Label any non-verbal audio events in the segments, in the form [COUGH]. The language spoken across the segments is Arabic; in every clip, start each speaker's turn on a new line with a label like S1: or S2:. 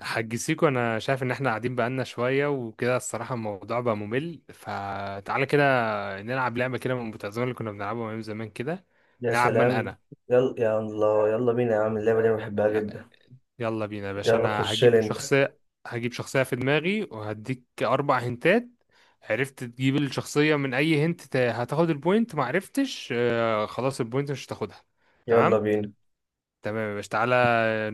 S1: حاج سيكو، انا شايف ان احنا قاعدين بقالنا شويه وكده الصراحه الموضوع بقى ممل، فتعالى كده نلعب لعبه كده من المتعزمه اللي كنا بنلعبها من زمان كده.
S2: يا
S1: نلعب من
S2: سلام.
S1: انا.
S2: يلا يا الله، يلا بينا يا عم، اللعبة دي أنا بحبها
S1: ي-
S2: جدا.
S1: يلا بينا يا باشا،
S2: يلا
S1: انا
S2: خش لي
S1: هجيب
S2: انت،
S1: شخصيه. هجيب شخصيه في دماغي وهديك 4 هنتات. عرفت تجيب الشخصيه من اي هنت، هتاخد البوينت، ما عرفتش خلاص البوينت مش هتاخدها.
S2: يلا
S1: تمام.
S2: بينا.
S1: تمام يا باشا، تعالى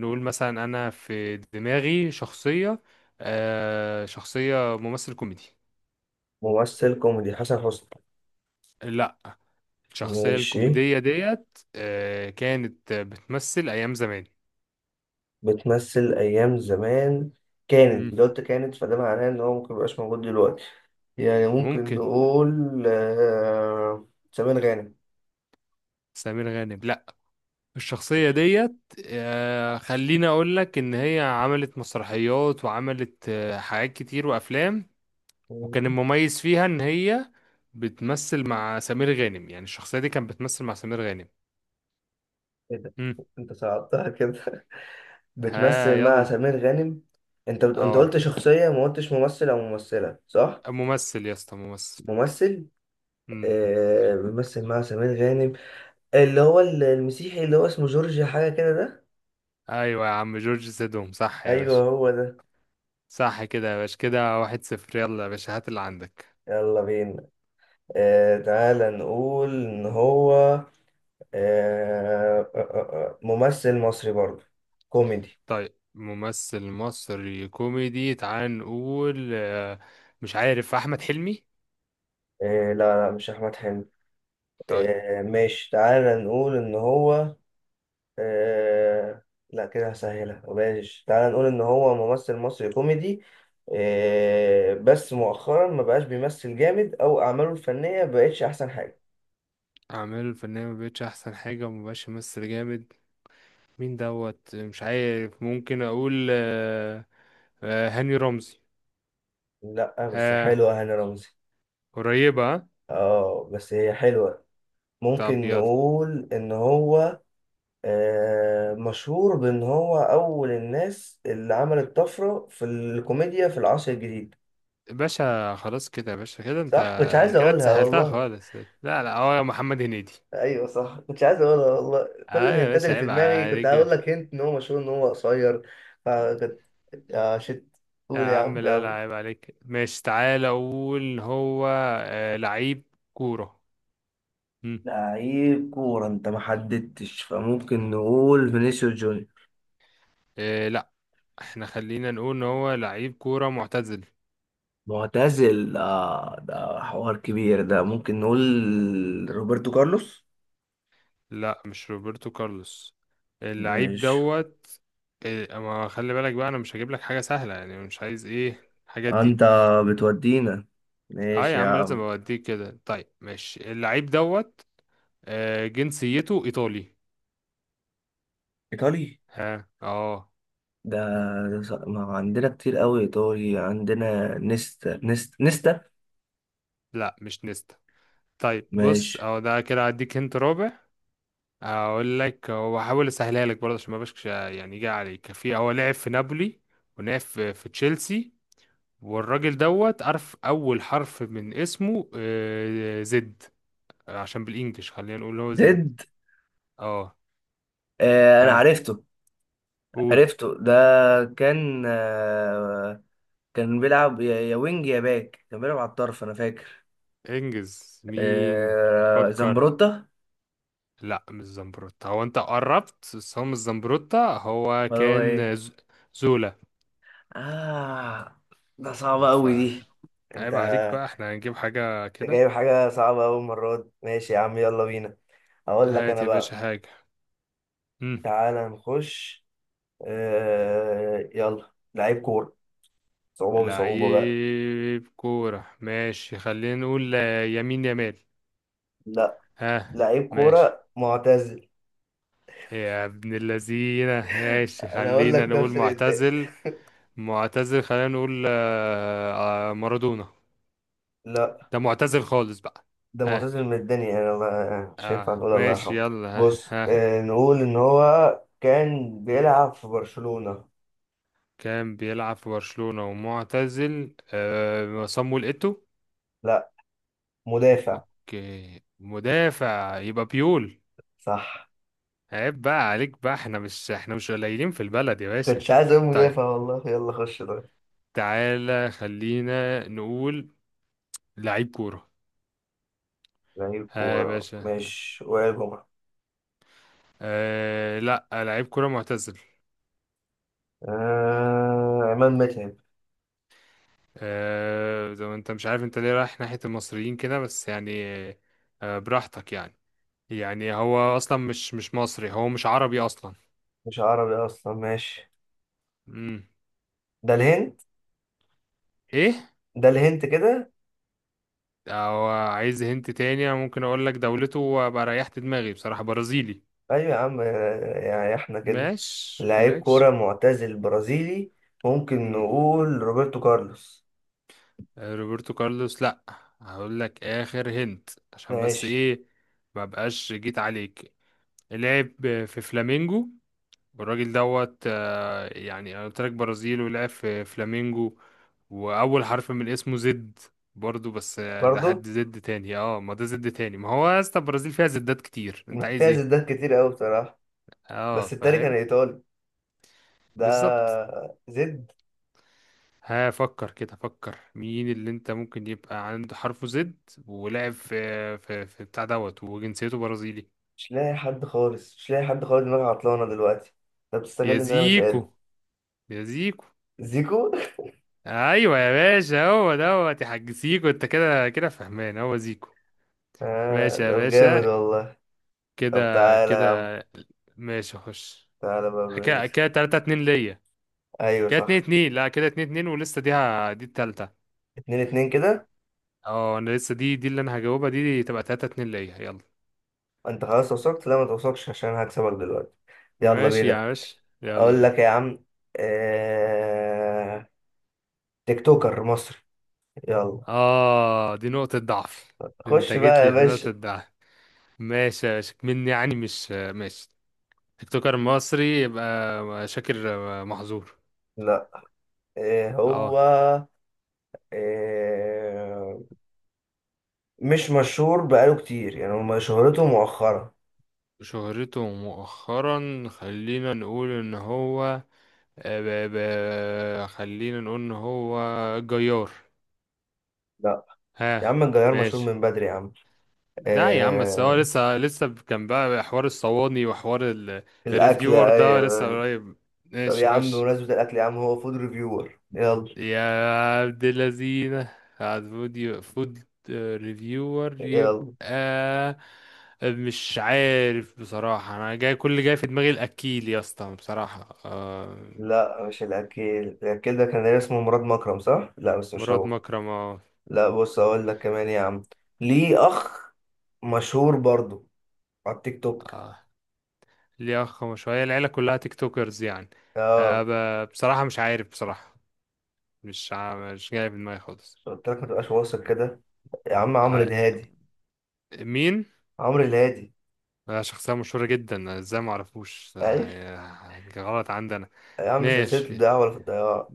S1: نقول مثلا انا في دماغي شخصيه. شخصيه ممثل كوميدي.
S2: ممثل كوميدي، حسن حسني.
S1: لا. الشخصية
S2: ماشي.
S1: الكوميدية ديت كانت بتمثل أيام زمان.
S2: بتمثل أيام زمان. كانت،
S1: مم.
S2: لو قلت كانت فده معناه إن هو ممكن ميبقاش موجود دلوقتي. يعني ممكن
S1: ممكن.
S2: نقول سمير غانم.
S1: سمير غانم لا. الشخصية
S2: ماشي.
S1: ديت خليني أقول لك إن هي عملت مسرحيات وعملت حاجات كتير وأفلام. وكان
S2: ايه
S1: المميز فيها إن هي بتمثل مع سمير غانم، يعني الشخصية دي كانت بتمثل مع سمير غانم.
S2: ده،
S1: مم.
S2: انت صعبتها كده. [LAUGHS]
S1: ها
S2: بتمثل مع
S1: يلا.
S2: سمير غانم. انت
S1: اه.
S2: قلت شخصية، ما قلتش ممثل أو ممثلة، صح؟
S1: ممثل يا اسطى، ممثل.
S2: ممثل.
S1: مم.
S2: بيمثل مع سمير غانم، اللي هو المسيحي، اللي هو اسمه جورج حاجة كده ده.
S1: ايوه يا عم، جورج سيدهم صح يا
S2: ايوه
S1: باشا.
S2: هو ده.
S1: صح كده يا باشا، كده 1-0. يلا يا باشا هات اللي عندك.
S2: يلا بينا. تعالى نقول ان هو ممثل مصري برضه، كوميدي.
S1: طيب، ممثل مصري كوميدي، تعال نقول آه، مش عارف أحمد حلمي.
S2: لا لا، مش احمد حلمي.
S1: طيب.
S2: آه، ماشي. تعالى نقول ان هو آه لا، كده هسهلها. ماشي، تعال نقول ان هو ممثل مصري كوميدي، بس مؤخرا ما بقاش بيمثل جامد، او اعماله الفنية بقتش احسن حاجة.
S1: أعماله الفنية مبقتش أحسن حاجة ومبقاش يمثل جامد. مين دوت؟ مش عارف، ممكن أقول هاني رمزي.
S2: لا بس
S1: ها.
S2: حلوة هاني رمزي.
S1: قريبة ها؟
S2: اه بس هي حلوة.
S1: طب
S2: ممكن
S1: يلا.
S2: نقول ان هو مشهور بان هو اول الناس اللي عملت طفرة في الكوميديا في العصر الجديد.
S1: باشا خلاص كده يا باشا، كده انت
S2: صح، كنتش عايز
S1: كده
S2: اقولها
S1: اتسهلتها
S2: والله.
S1: خالص. لا. لا، هو محمد هنيدي.
S2: ايوه صح، كنت عايز اقولها والله. كل
S1: اه يا
S2: الهنتات
S1: باشا،
S2: اللي في
S1: عيب
S2: دماغي كنت هقول
S1: عليك.
S2: لك هنت ان هو مشهور ان هو قصير. فكنت يا شت،
S1: يا
S2: قول يا
S1: عم،
S2: عم،
S1: لا لا
S2: يلا.
S1: عيب عليك. ماشي تعالى، اقول هو لعيب كورة. مم.
S2: لعيب كورة، انت ما حددتش، فممكن نقول فينيسيوس جونيور.
S1: لا، احنا خلينا نقول ان هو لعيب كورة معتزل.
S2: معتزل، آه، ده حوار كبير. ده ممكن نقول روبرتو كارلوس.
S1: لا مش روبرتو كارلوس. اللعيب
S2: ماشي.
S1: دوت ما خلي بالك بقى، انا مش هجيب لك حاجة سهلة يعني، مش عايز ايه الحاجات دي.
S2: انت بتودينا.
S1: اه
S2: ماشي
S1: يا
S2: يا
S1: عم لازم
S2: عم.
S1: اوديك كده. طيب ماشي، اللعيب دوت جنسيته ايطالي.
S2: ايطالي.
S1: ها اه.
S2: ده ما عندنا كتير قوي ايطالي، عندنا نيستا، نيستا، نيستا.
S1: لا مش نيستا. طيب بص
S2: ماشي.
S1: اهو ده كده، هديك هنت رابع. اقول لك، هو حاول اسهلها لك برضه عشان ما بقاش يعني يجي عليك في هو لعب في نابولي ولعب في تشيلسي، والراجل دوت عارف اول حرف من اسمه زد. عشان بالانجلش خلينا نقول هو زد.
S2: ديد.
S1: اه.
S2: انا
S1: ها
S2: عرفته،
S1: قول.
S2: عرفته ده. كان آه كان بيلعب، يا وينج يا باك، كان بيلعب على الطرف انا فاكر.
S1: انجز مين؟ فكر.
S2: زمبروتا.
S1: لا مش زمبروتا. هو انت قربت بس هو مش زمبروتا، هو
S2: ولا هو ايه.
S1: كان زولا.
S2: اه، ده صعبة
S1: ف
S2: قوي دي. انت
S1: عيب عليك بقى، احنا هنجيب حاجة
S2: انت
S1: كده.
S2: جايب حاجة صعبة قوي المرة دي. ماشي يا عم، يلا بينا. اقول لك
S1: هات
S2: انا
S1: يا باشا
S2: بقى،
S1: حاجة.
S2: تعالى نخش. يلا، لعيب كورة، بصعوبة بقى.
S1: لعيب كورة ماشي، خلينا نقول يمين يمال.
S2: لا،
S1: ها
S2: لعيب
S1: ماشي.
S2: كورة معتزل.
S1: يا ابن اللذينة، ماشي
S2: انا اقول
S1: خلينا
S2: لك
S1: نقول
S2: نفس الانتاج.
S1: معتزل. معتزل خلينا نقول مارادونا.
S2: لا،
S1: ده معتزل خالص بقى.
S2: ده
S1: ها.
S2: معتزل من الدنيا يعني، الله، مش هينفع نقول الله
S1: ماشي
S2: يرحمه.
S1: يلا، ها
S2: بص،
S1: ها.
S2: نقول إن هو كان بيلعب في برشلونة.
S1: كان بيلعب في برشلونة ومعتزل صامويل إيتو.
S2: لا، مدافع.
S1: اوكي مدافع، يبقى بيول.
S2: صح،
S1: عيب بقى عليك بقى، احنا مش احنا مش قليلين في البلد يا باشا.
S2: كنتش عايز أقول
S1: طيب
S2: مدافع والله. يلا خش طيب.
S1: تعالى خلينا نقول لعيب كورة.
S2: لعيب
S1: ها يا
S2: كورة،
S1: باشا.
S2: ماشي، وائل جمعة.
S1: آه لا، لعيب كورة معتزل.
S2: عماد متعب.
S1: زي ما انت مش عارف، انت ليه رايح ناحية المصريين كده بس يعني، آه براحتك يعني. يعني هو اصلا مش مش مصري، هو مش عربي اصلا.
S2: مش عربي أصلا، ماشي.
S1: امم
S2: ده الهند،
S1: ايه؟
S2: ده الهند كده.
S1: او عايز هنت تاني، انا ممكن اقول لك دولته وابقى ريحت دماغي بصراحة، برازيلي.
S2: أيوة يا عم، يعني إحنا كده.
S1: ماشي
S2: لعيب كورة
S1: ماشي.
S2: معتزل برازيلي، ممكن نقول روبرتو كارلوس.
S1: روبرتو كارلوس لا. هقول لك اخر هنت عشان بس
S2: ماشي.
S1: ايه، ما بقاش جيت عليك. لعب في فلامينجو، والراجل دوت يعني انا قلت لك برازيل ولعب في فلامينجو، واول حرف من اسمه زد برضو. بس ده
S2: برضه
S1: حد زد تاني. اه، ما ده زد تاني ما هو. يا اسطى البرازيل فيها زدات كتير، انت عايز
S2: فيها
S1: ايه؟
S2: زدات كتير قوي بصراحة.
S1: اه
S2: بس التاني كان
S1: فاهم.
S2: إيطالي.
S1: بالظبط.
S2: ده زد.
S1: هفكر كده، فكر مين اللي انت ممكن يبقى عنده حرفه زد ولعب في في في بتاع دوت وجنسيته برازيلي.
S2: مش لاقي حد خالص، مش لاقي حد خالص، دماغي عطلانة دلوقتي. طب
S1: يا
S2: بتستغل إن أنا مش قادر.
S1: زيكو. يا زيكو.
S2: زيكو.
S1: ايوه يا باشا، هو دوت يا حاج زيكو، انت كده كده فهمان هو زيكو.
S2: [LAUGHS] آه،
S1: ماشي يا
S2: طب جامد
S1: باشا.
S2: والله. طب
S1: كده
S2: تعالى
S1: كده.
S2: يا عم،
S1: ماشي خش.
S2: تعالى بقى
S1: كده كده 3-2 ليا.
S2: أيوة
S1: كده اتنين
S2: صح.
S1: اتنين لا كده 2-2 ولسه دي التالتة.
S2: اتنين اتنين كده.
S1: اه انا لسه دي اللي انا هجاوبها، دي تبقى 3-2 ليا يلا.
S2: أنت خلاص وصلت، لا ما توصلش عشان هكسبك دلوقتي. يلا
S1: ماشي
S2: بينا.
S1: يا باشا، يلا
S2: أقول
S1: بينا.
S2: لك يا عم، آه... تيك توكر مصري. يلا،
S1: دي نقطة ضعف. أنت
S2: خش
S1: جيت
S2: بقى يا
S1: لي في
S2: باشا.
S1: نقطة ضعف. ماشي مني يعني مش ماشي. تيك توكر مصري يبقى شاكر محظور.
S2: لا. إيه هو؟
S1: اه.
S2: آه، مش مشهور بقاله كتير يعني، هو شهرته مؤخرة.
S1: شهرته مؤخرا، خلينا نقول ان هو خلينا نقول ان هو جيار.
S2: لا يا
S1: ها
S2: عم، الجزائر مشهور
S1: ماشي.
S2: من بدري يا عم.
S1: لا يا عم، بس هو
S2: آه،
S1: لسه لسه كان بقى حوار الصواني وحوار ال...
S2: الأكل،
S1: الريفيور ده
S2: أيوه
S1: لسه
S2: أيوه.
S1: قريب.
S2: طب يا
S1: ماشي
S2: عم
S1: خش.
S2: بمناسبة الأكل، يا عم هو فود ريفيور، يلا.
S1: يا عبد اللذينة، فود فود ريفيور
S2: يلا.
S1: يبقى مش عارف بصراحة، أنا جاي كل اللي جاي في دماغي الأكيل يا اسطى بصراحة آه.
S2: لا، مش الأكل. الأكل ده كان اسمه مراد مكرم، صح؟ لا بس مش
S1: مراد
S2: هو.
S1: مكرم اه.
S2: لا، بص أقول لك كمان يا عم. ليه أخ، مشهور برضو على التيك توك.
S1: آه، ليه أخ؟ ما شوية العيلة كلها تيك توكرز يعني.
S2: اه.
S1: بصراحة مش عارف بصراحة، مش جاي في دماغي خالص.
S2: قلت لك ما تبقاش واثق كده. يا عم عمرو
S1: آه
S2: الهادي.
S1: مين؟
S2: عمرو الهادي.
S1: شخصية مشهورة جدا، ازاي معرفوش
S2: أيوه.
S1: غلط عندنا.
S2: يا عم سلسلة
S1: ماشي.
S2: الدعاء، ولا في الطيارة.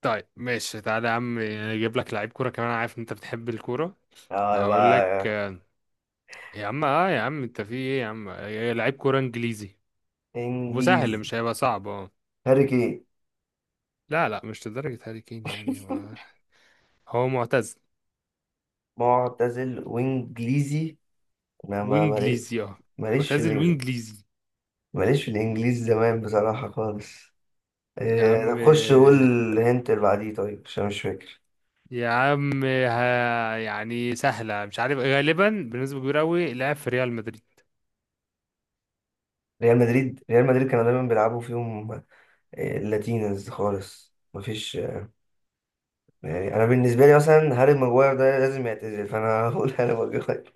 S1: طيب ماشي تعالى يا عم، اجيب لك لعيب كوره كمان، أنا عارف إن انت بتحب الكوره.
S2: اه
S1: هقول لك
S2: يبقى
S1: يا عم اه يا عم انت في ايه يا عم لعيب كوره انجليزي. وسهل،
S2: انجليزي.
S1: مش هيبقى صعب اه.
S2: هاري كين.
S1: لا لا مش لدرجه هاري كين يعني. هو هو معتزل
S2: معتزل وانجليزي. انا ما مالي-
S1: وانجليزي، اه.
S2: ماليش في
S1: معتزل
S2: الانجليزي،
S1: وانجليزي.
S2: ماليش في الانجليزي زمان بصراحة خالص.
S1: يا
S2: إيه؟
S1: عم
S2: طب خش قول الهنت اللي بعديه طيب عشان مش فاكر.
S1: يا عم ها يعني سهله، مش عارف غالبا بنسبه كبيره قوي، لعب في ريال مدريد.
S2: ريال مدريد، ريال مدريد كانوا دايما بيلعبوا فيهم. لاتينز خالص. مفيش. يعني انا بالنسبة لي مثلا، هاري ماجواير ده لازم يعتزل، فانا [LAUGHS] هقول هاري ماجواير.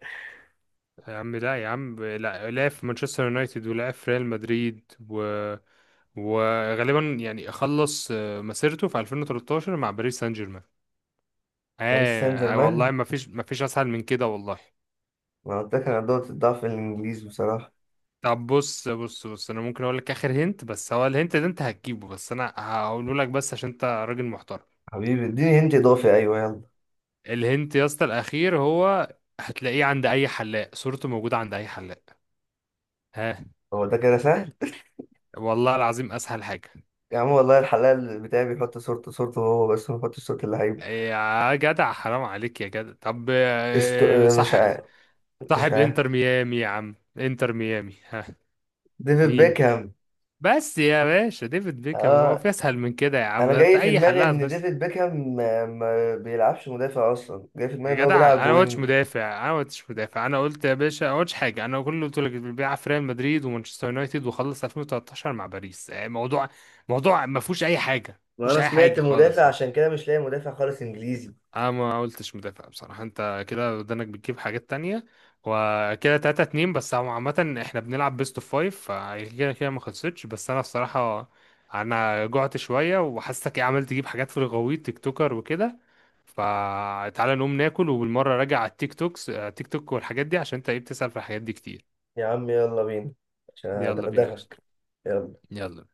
S1: يا عم لا يا عم لا، لعب في مانشستر يونايتد ولعب في ريال مدريد و... وغالبا يعني خلص مسيرته في 2013 مع باريس سان جيرمان.
S2: باريس سان جيرمان.
S1: والله ما فيش اسهل من كده والله.
S2: ما قلت لك انا دوت الضعف الانجليزي بصراحة.
S1: طب بص بص بص، انا ممكن اقول لك اخر هنت، بس هو الهنت ده انت هتجيبه، بس انا هقوله لك بس عشان انت راجل محترم.
S2: حبيبي اديني هنت اضافي، ايوه يلا.
S1: الهنت يا اسطى الاخير هو هتلاقيه عند اي حلاق، صورته موجودة عند اي حلاق. ها.
S2: هو ده كده سهل.
S1: والله العظيم اسهل حاجة.
S2: يا عم والله الحلال بتاعي بيحط صورته، صورته هو بس، ما بيحطش صورة اللعيب.
S1: يا جدع حرام عليك يا جدع. طب
S2: استو... آه، مش
S1: صح،
S2: عارف، مش
S1: صاحب
S2: عارف.
S1: انتر ميامي يا عم، انتر ميامي ها.
S2: ديفيد
S1: مين؟
S2: بيكهام.
S1: بس يا باشا ديفيد بيكهام، هو في
S2: اه،
S1: اسهل من كده يا عم،
S2: انا
S1: ده انت
S2: جاي في
S1: اي
S2: دماغي
S1: حلها
S2: ان
S1: هتخش.
S2: ديفيد بيكهام ما بيلعبش مدافع اصلا، جاي في دماغي
S1: يا
S2: ان هو
S1: جدع
S2: بيلعب
S1: انا ما قلتش
S2: وينج.
S1: مدافع، انا ما قلتش مدافع، انا قلت يا باشا ما قلتش حاجه، انا كل اللي قلت لك بيلعب في ريال مدريد ومانشستر يونايتد وخلص 2013 مع باريس. موضوع ما فيهوش اي حاجه، ما فيهوش
S2: وانا
S1: اي
S2: سمعت
S1: حاجه خالص.
S2: مدافع، عشان كده مش لاقي مدافع خالص انجليزي.
S1: انا ما قلتش مدافع بصراحة، انت كده ودانك بتجيب حاجات تانية. وكده 3-2، بس هو عامة احنا بنلعب بيست اوف فايف، فكده كده ما خلصتش. بس انا بصراحة انا جعت شوية، وحاسسك ايه عمال تجيب حاجات في الغويط، تيك توكر وكده، فتعالى نقوم ناكل، وبالمرة راجع على التيك توكس التيك توك والحاجات دي، عشان انت ايه بتسأل في الحاجات دي كتير.
S2: يا عم يلا بينا عشان
S1: يلا بينا يا باشا،
S2: ادغدغك. يلا.
S1: يلا.